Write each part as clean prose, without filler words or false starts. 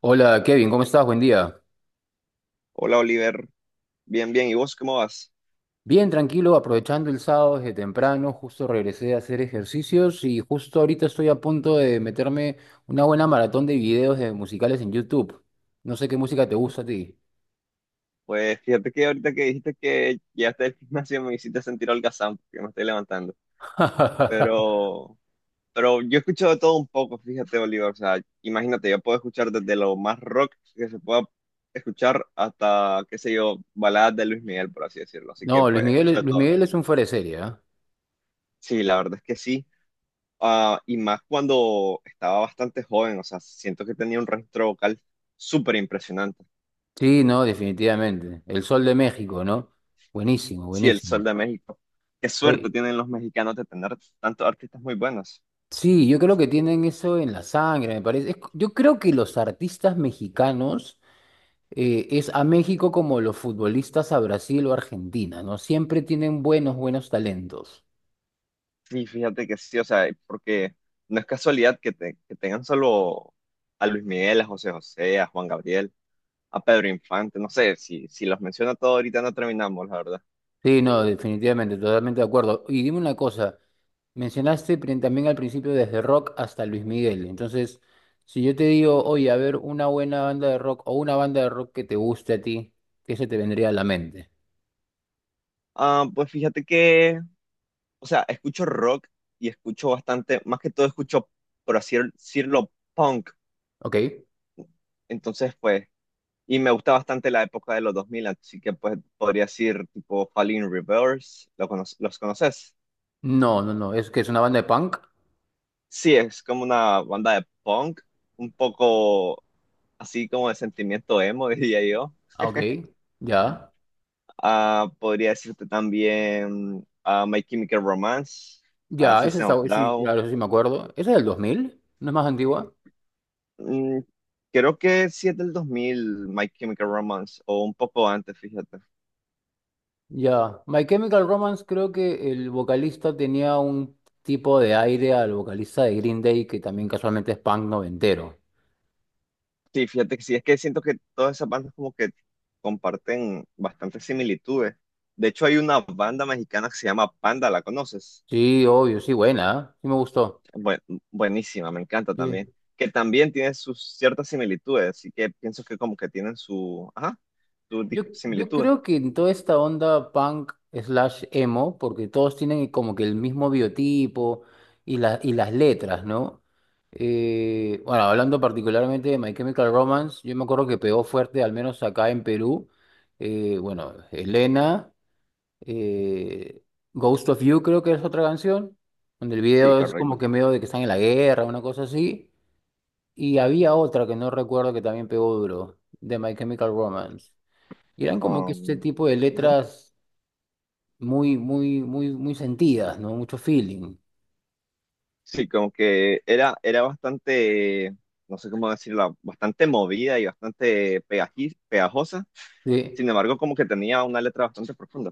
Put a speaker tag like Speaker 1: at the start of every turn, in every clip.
Speaker 1: Hola Kevin, ¿cómo estás? Buen día.
Speaker 2: Hola Oliver, bien, bien. ¿Y vos cómo vas?
Speaker 1: Bien, tranquilo, aprovechando el sábado desde temprano, justo regresé a hacer ejercicios y justo ahorita estoy a punto de meterme una buena maratón de videos de musicales en YouTube. No sé qué música te gusta a ti.
Speaker 2: Pues fíjate que ahorita que dijiste que llegaste del gimnasio me hiciste sentir holgazán porque me estoy levantando. Pero, pero yo escucho de todo un poco, fíjate Oliver. O sea, imagínate, yo puedo escuchar desde lo más rock que se pueda escuchar hasta, qué sé yo, baladas de Luis Miguel, por así decirlo. Así que
Speaker 1: No, Luis
Speaker 2: pues escucho
Speaker 1: Miguel,
Speaker 2: de
Speaker 1: Luis
Speaker 2: todo.
Speaker 1: Miguel es un fuera de serie, ¿ah?
Speaker 2: Sí, la verdad es que sí. Ah, y más cuando estaba bastante joven, o sea, siento que tenía un registro vocal súper impresionante.
Speaker 1: Sí, no, definitivamente. El Sol de México, ¿no? Buenísimo,
Speaker 2: Sí, el
Speaker 1: buenísimo.
Speaker 2: Sol de México. Qué suerte
Speaker 1: Oye,
Speaker 2: tienen los mexicanos de tener tantos artistas muy buenos.
Speaker 1: sí, yo creo que tienen eso en la sangre, me parece. Yo creo que los artistas mexicanos es a México como los futbolistas a Brasil o Argentina, ¿no? Siempre tienen buenos, buenos talentos.
Speaker 2: Sí, fíjate que sí, o sea, porque no es casualidad que, que tengan solo a Luis Miguel, a José José, a Juan Gabriel, a Pedro Infante, no sé, si los menciono todos ahorita no terminamos, la verdad.
Speaker 1: Sí, no, definitivamente, totalmente de acuerdo. Y dime una cosa, también al principio desde rock hasta Luis Miguel. Entonces, si yo te digo, oye, a ver, una buena banda de rock o una banda de rock que te guste a ti, ¿qué se te vendría a la mente?
Speaker 2: Ah, pues fíjate que, o sea, escucho rock y escucho bastante, más que todo escucho, por así decirlo, punk.
Speaker 1: ¿Ok?
Speaker 2: Entonces, pues, y me gusta bastante la época de los dos mil, así que pues podría decir tipo Falling Reverse, ¿los conoces?
Speaker 1: No, no, no, es que es una banda de punk.
Speaker 2: Sí, es como una banda de punk, un poco así como de sentimiento emo, diría yo.
Speaker 1: Ah, Ok, ya.
Speaker 2: Ah, podría decirte también My Chemical Romance, ah,
Speaker 1: Ya, eso
Speaker 2: System
Speaker 1: está,
Speaker 2: of
Speaker 1: sí,
Speaker 2: Down.
Speaker 1: claro, eso sí me acuerdo. ¿Esa es del 2000? ¿No es más antigua?
Speaker 2: Mm, creo que sí es del 2000, My Chemical Romance, o un poco antes, fíjate.
Speaker 1: Ya, My Chemical Romance creo que el vocalista tenía un tipo de aire al vocalista de Green Day que también casualmente es punk noventero.
Speaker 2: Sí, fíjate que sí, es que siento que todas esas bandas como que comparten bastantes similitudes. De hecho, hay una banda mexicana que se llama Panda, ¿la conoces?
Speaker 1: Sí, obvio, sí, buena, ¿eh? Sí me gustó.
Speaker 2: Buen- Buenísima, me encanta también.
Speaker 1: Sí.
Speaker 2: Que también tiene sus ciertas similitudes, así que pienso que como que tienen su, ajá,
Speaker 1: Yo
Speaker 2: similitudes.
Speaker 1: creo que en toda esta onda punk slash emo, porque todos tienen como que el mismo biotipo y las letras, ¿no? Bueno, hablando particularmente de My Chemical Romance, yo me acuerdo que pegó fuerte, al menos acá en Perú. Bueno, Elena. Eh, Ghost of You creo que es otra canción, donde el
Speaker 2: Sí,
Speaker 1: video es
Speaker 2: correcto.
Speaker 1: como que medio de que están en la guerra, una cosa así. Y había otra que no recuerdo que también pegó duro, de My Chemical Romance. Y eran como que este
Speaker 2: Um,
Speaker 1: tipo de
Speaker 2: Ujú.
Speaker 1: letras muy, muy, muy, muy sentidas, ¿no? Mucho feeling.
Speaker 2: Sí, como que era bastante, no sé cómo decirlo, bastante movida y bastante pegajosa.
Speaker 1: Sí,
Speaker 2: Sin embargo, como que tenía una letra bastante profunda.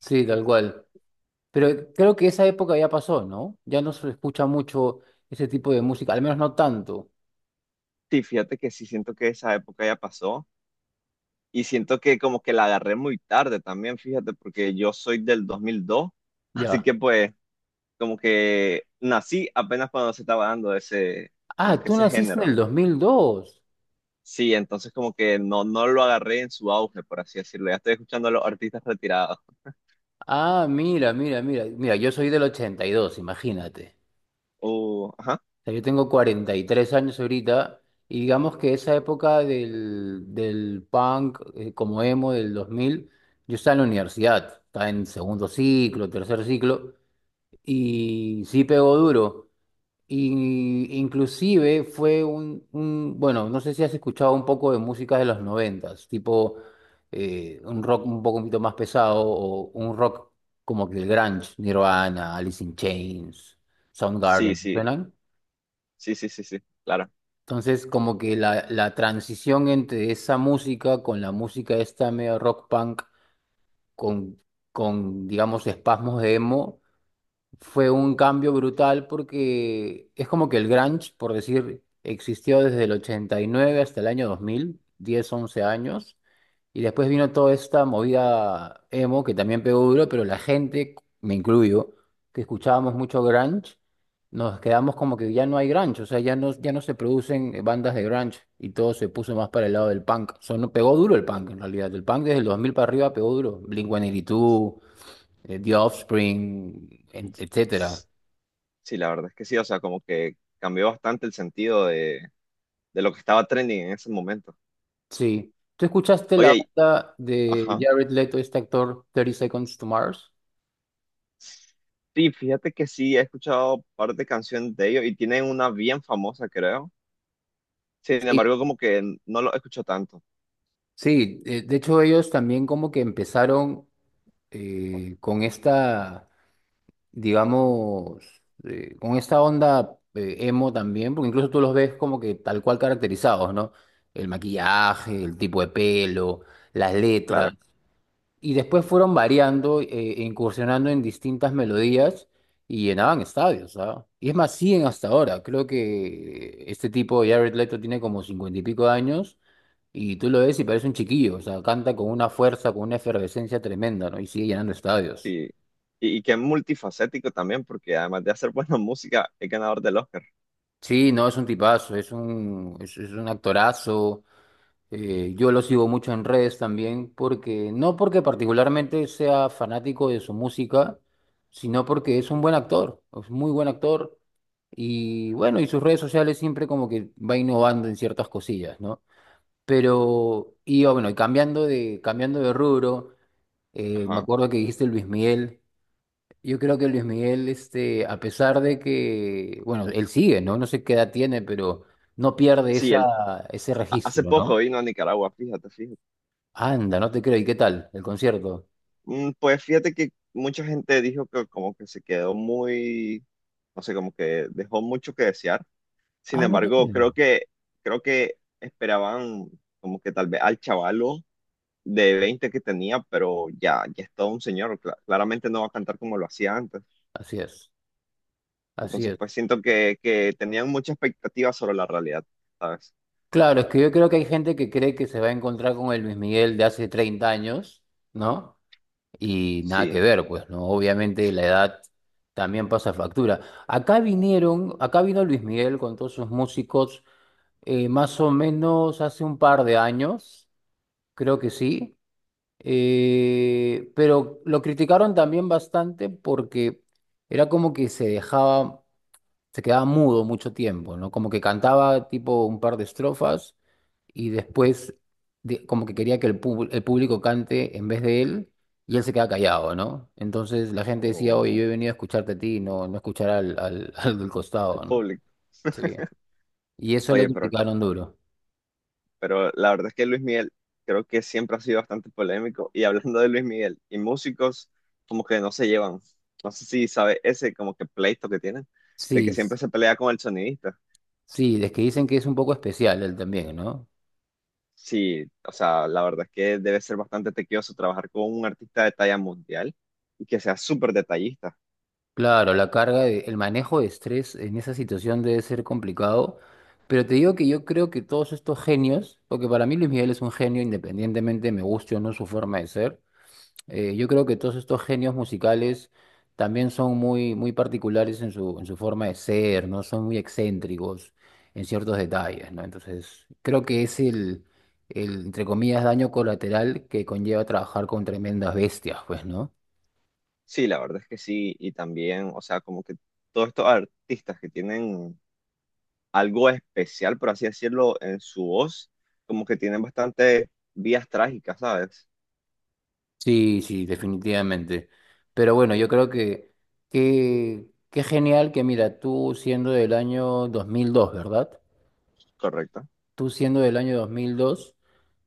Speaker 1: sí, tal cual. Pero creo que esa época ya pasó, ¿no? Ya no se escucha mucho ese tipo de música, al menos no tanto.
Speaker 2: Sí, fíjate que sí, siento que esa época ya pasó y siento que como que la agarré muy tarde también, fíjate, porque yo soy del 2002, así
Speaker 1: Ya.
Speaker 2: que pues como que nací apenas cuando se estaba dando ese, como
Speaker 1: Ah,
Speaker 2: que
Speaker 1: tú
Speaker 2: ese
Speaker 1: naciste en
Speaker 2: género.
Speaker 1: el dos mil dos.
Speaker 2: Sí, entonces como que no, no lo agarré en su auge, por así decirlo. Ya estoy escuchando a los artistas retirados.
Speaker 1: Ah, mira, mira, mira. Mira, yo soy del 82, imagínate.
Speaker 2: Ajá.
Speaker 1: O sea, yo tengo 43 años ahorita y digamos que esa época del punk como emo del 2000 yo estaba en la universidad, estaba en segundo ciclo, tercer ciclo y sí pegó duro. Y inclusive fue bueno, no sé si has escuchado un poco de música de los noventas, tipo un rock un poquito más pesado o un rock como que el grunge, Nirvana, Alice in Chains,
Speaker 2: Sí,
Speaker 1: Soundgarden,
Speaker 2: sí,
Speaker 1: ¿suenan?
Speaker 2: sí, sí, sí, sí, claro.
Speaker 1: Entonces como que la transición entre esa música con la música esta medio rock punk con, con digamos espasmos de emo fue un cambio brutal porque es como que el grunge, por decir, existió desde el 89 hasta el año 2000, 10 11 años. Y después vino toda esta movida emo que también pegó duro, pero la gente, me incluyo, que escuchábamos mucho grunge, nos quedamos como que ya no hay grunge, o sea, ya no se producen bandas de grunge y todo se puso más para el lado del punk. O sea, no pegó duro el punk en realidad, el punk desde el 2000 para arriba pegó duro. Blink-182, The Offspring,
Speaker 2: S-
Speaker 1: etcétera.
Speaker 2: Sí, la verdad es que sí, o sea, como que cambió bastante el sentido de lo que estaba trending en ese momento.
Speaker 1: Sí. ¿Tú escuchaste la
Speaker 2: Oye, y-
Speaker 1: banda de
Speaker 2: ajá.
Speaker 1: Jared Leto, este actor, Thirty Seconds to Mars?
Speaker 2: Sí, fíjate que sí, he escuchado un par de canciones de ellos y tienen una bien famosa, creo. Sin
Speaker 1: Sí.
Speaker 2: embargo, como que no lo escucho tanto,
Speaker 1: Sí, de hecho ellos también como que empezaron eh, con esta, digamos, con esta onda emo también, porque incluso tú los ves como que tal cual caracterizados, ¿no? El maquillaje, el tipo de pelo, las letras.
Speaker 2: claro.
Speaker 1: Y después fueron variando, e incursionando en distintas melodías y llenaban estadios, ¿ah? Y es más, siguen hasta ahora. Creo que este tipo, Jared Leto, tiene como cincuenta y pico de años y tú lo ves y parece un chiquillo, o sea, canta con una fuerza, con una efervescencia tremenda, ¿no? Y sigue llenando estadios.
Speaker 2: Y, y, y que es multifacético también, porque además de hacer buena música, es ganador del Oscar.
Speaker 1: Sí, no, es un tipazo, es un actorazo. Yo lo sigo mucho en redes también, porque no porque particularmente sea fanático de su música, sino porque es un buen actor, es muy buen actor. Y bueno, y sus redes sociales siempre como que va innovando en ciertas cosillas, ¿no? Pero, y oh, bueno, y cambiando de rubro, me
Speaker 2: Ajá.
Speaker 1: acuerdo que dijiste Luis Miguel. Yo creo que Luis Miguel, este, a pesar de que, bueno, él sigue, ¿no? No sé qué edad tiene, pero no pierde
Speaker 2: Sí,
Speaker 1: ese
Speaker 2: hace
Speaker 1: registro,
Speaker 2: poco
Speaker 1: ¿no?
Speaker 2: vino a Nicaragua, fíjate, fíjate.
Speaker 1: Anda, no te creo. ¿Y qué tal el concierto?
Speaker 2: Mm, pues fíjate que mucha gente dijo que como que se quedó muy, no sé, como que dejó mucho que desear. Sin
Speaker 1: Ah, no te
Speaker 2: embargo,
Speaker 1: creo.
Speaker 2: creo que esperaban como que tal vez al chavalo de 20 que tenía, pero ya, ya es todo un señor, claramente no va a cantar como lo hacía antes.
Speaker 1: Así es, así
Speaker 2: Entonces,
Speaker 1: es.
Speaker 2: pues siento que tenían mucha expectativa sobre la realidad, ¿sabes?
Speaker 1: Claro, es que yo creo que hay gente que cree que se va a encontrar con el Luis Miguel de hace 30 años, ¿no? Y nada que
Speaker 2: Sí,
Speaker 1: ver, pues, ¿no? Obviamente la edad también pasa factura. Acá vino Luis Miguel con todos sus músicos, más o menos hace un par de años, creo que sí. Pero lo criticaron también bastante porque era como que se quedaba mudo mucho tiempo, ¿no? Como que cantaba tipo un par de estrofas y después como que quería que el público cante en vez de él y él se quedaba callado, ¿no? Entonces la gente decía, oye,
Speaker 2: o
Speaker 1: yo he venido a escucharte a ti, no, no escuchar al del
Speaker 2: el
Speaker 1: costado, ¿no?
Speaker 2: público.
Speaker 1: Sí. Y eso lo
Speaker 2: Oye, pero,
Speaker 1: criticaron duro.
Speaker 2: pero la verdad es que Luis Miguel creo que siempre ha sido bastante polémico. Y hablando de Luis Miguel y músicos, como que no se llevan. No sé si sabe ese como que pleito que tienen, de
Speaker 1: Sí,
Speaker 2: que
Speaker 1: s-
Speaker 2: siempre se pelea con el sonidista.
Speaker 1: sí, es que dicen que es un poco especial él también, ¿no?
Speaker 2: Sí, o sea, la verdad es que debe ser bastante tequioso trabajar con un artista de talla mundial y que sea súper detallista.
Speaker 1: Claro, el manejo de estrés en esa situación debe ser complicado, pero te digo que yo creo que todos estos genios, porque para mí Luis Miguel es un genio independientemente me guste o no su forma de ser, yo creo que todos estos genios musicales también son muy, muy particulares en en su forma de ser, ¿no? Son muy excéntricos en ciertos detalles, ¿no? Entonces, creo que es entre comillas, daño colateral que conlleva trabajar con tremendas bestias, pues, ¿no?
Speaker 2: Sí, la verdad es que sí, y también, o sea, como que todos estos artistas que tienen algo especial, por así decirlo, en su voz, como que tienen bastante vías trágicas, ¿sabes?
Speaker 1: Sí, sí, definitivamente. Pero bueno, yo creo que qué genial que mira, tú siendo del año 2002, ¿verdad?
Speaker 2: Correcto.
Speaker 1: Tú siendo del año 2002,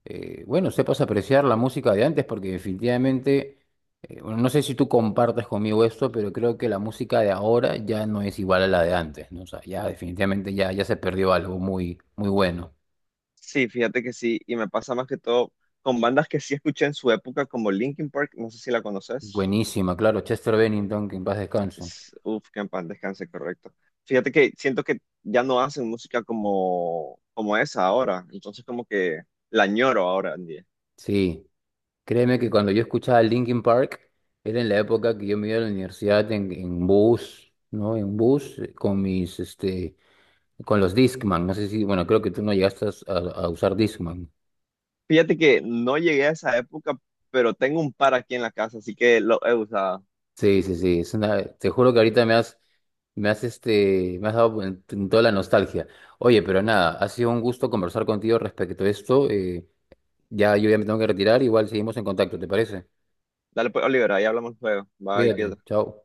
Speaker 1: bueno, sepas apreciar la música de antes porque definitivamente, bueno, no sé si tú compartes conmigo esto, pero creo que la música de ahora ya no es igual a la de antes, ¿no? O sea, ya definitivamente ya se perdió algo muy, muy bueno.
Speaker 2: Sí, fíjate que sí, y me pasa más que todo con bandas que sí escuché en su época, como Linkin Park, no sé si la conoces.
Speaker 1: Buenísima, claro, Chester Bennington, que en paz descanse.
Speaker 2: Uf, que en paz descanse, correcto. Fíjate que siento que ya no hacen música como, como esa ahora, entonces como que la añoro ahora en día.
Speaker 1: Sí. Créeme que cuando yo escuchaba Linkin Park, era en la época que yo me iba a la universidad en bus, ¿no? En bus con mis, este, con los Discman. No sé si, bueno, creo que tú no llegaste a usar Discman.
Speaker 2: Fíjate que no llegué a esa época, pero tengo un par aquí en la casa, así que lo he usado.
Speaker 1: Sí, sí, sí. Es una, te juro que ahorita me has dado en toda la nostalgia. Oye, pero nada, ha sido un gusto conversar contigo respecto a esto. Ya yo ya me tengo que retirar, igual seguimos en contacto, ¿te parece?
Speaker 2: Dale pues, Oliver, ahí hablamos luego. Bye,
Speaker 1: Cuídate,
Speaker 2: cuídate.
Speaker 1: chao.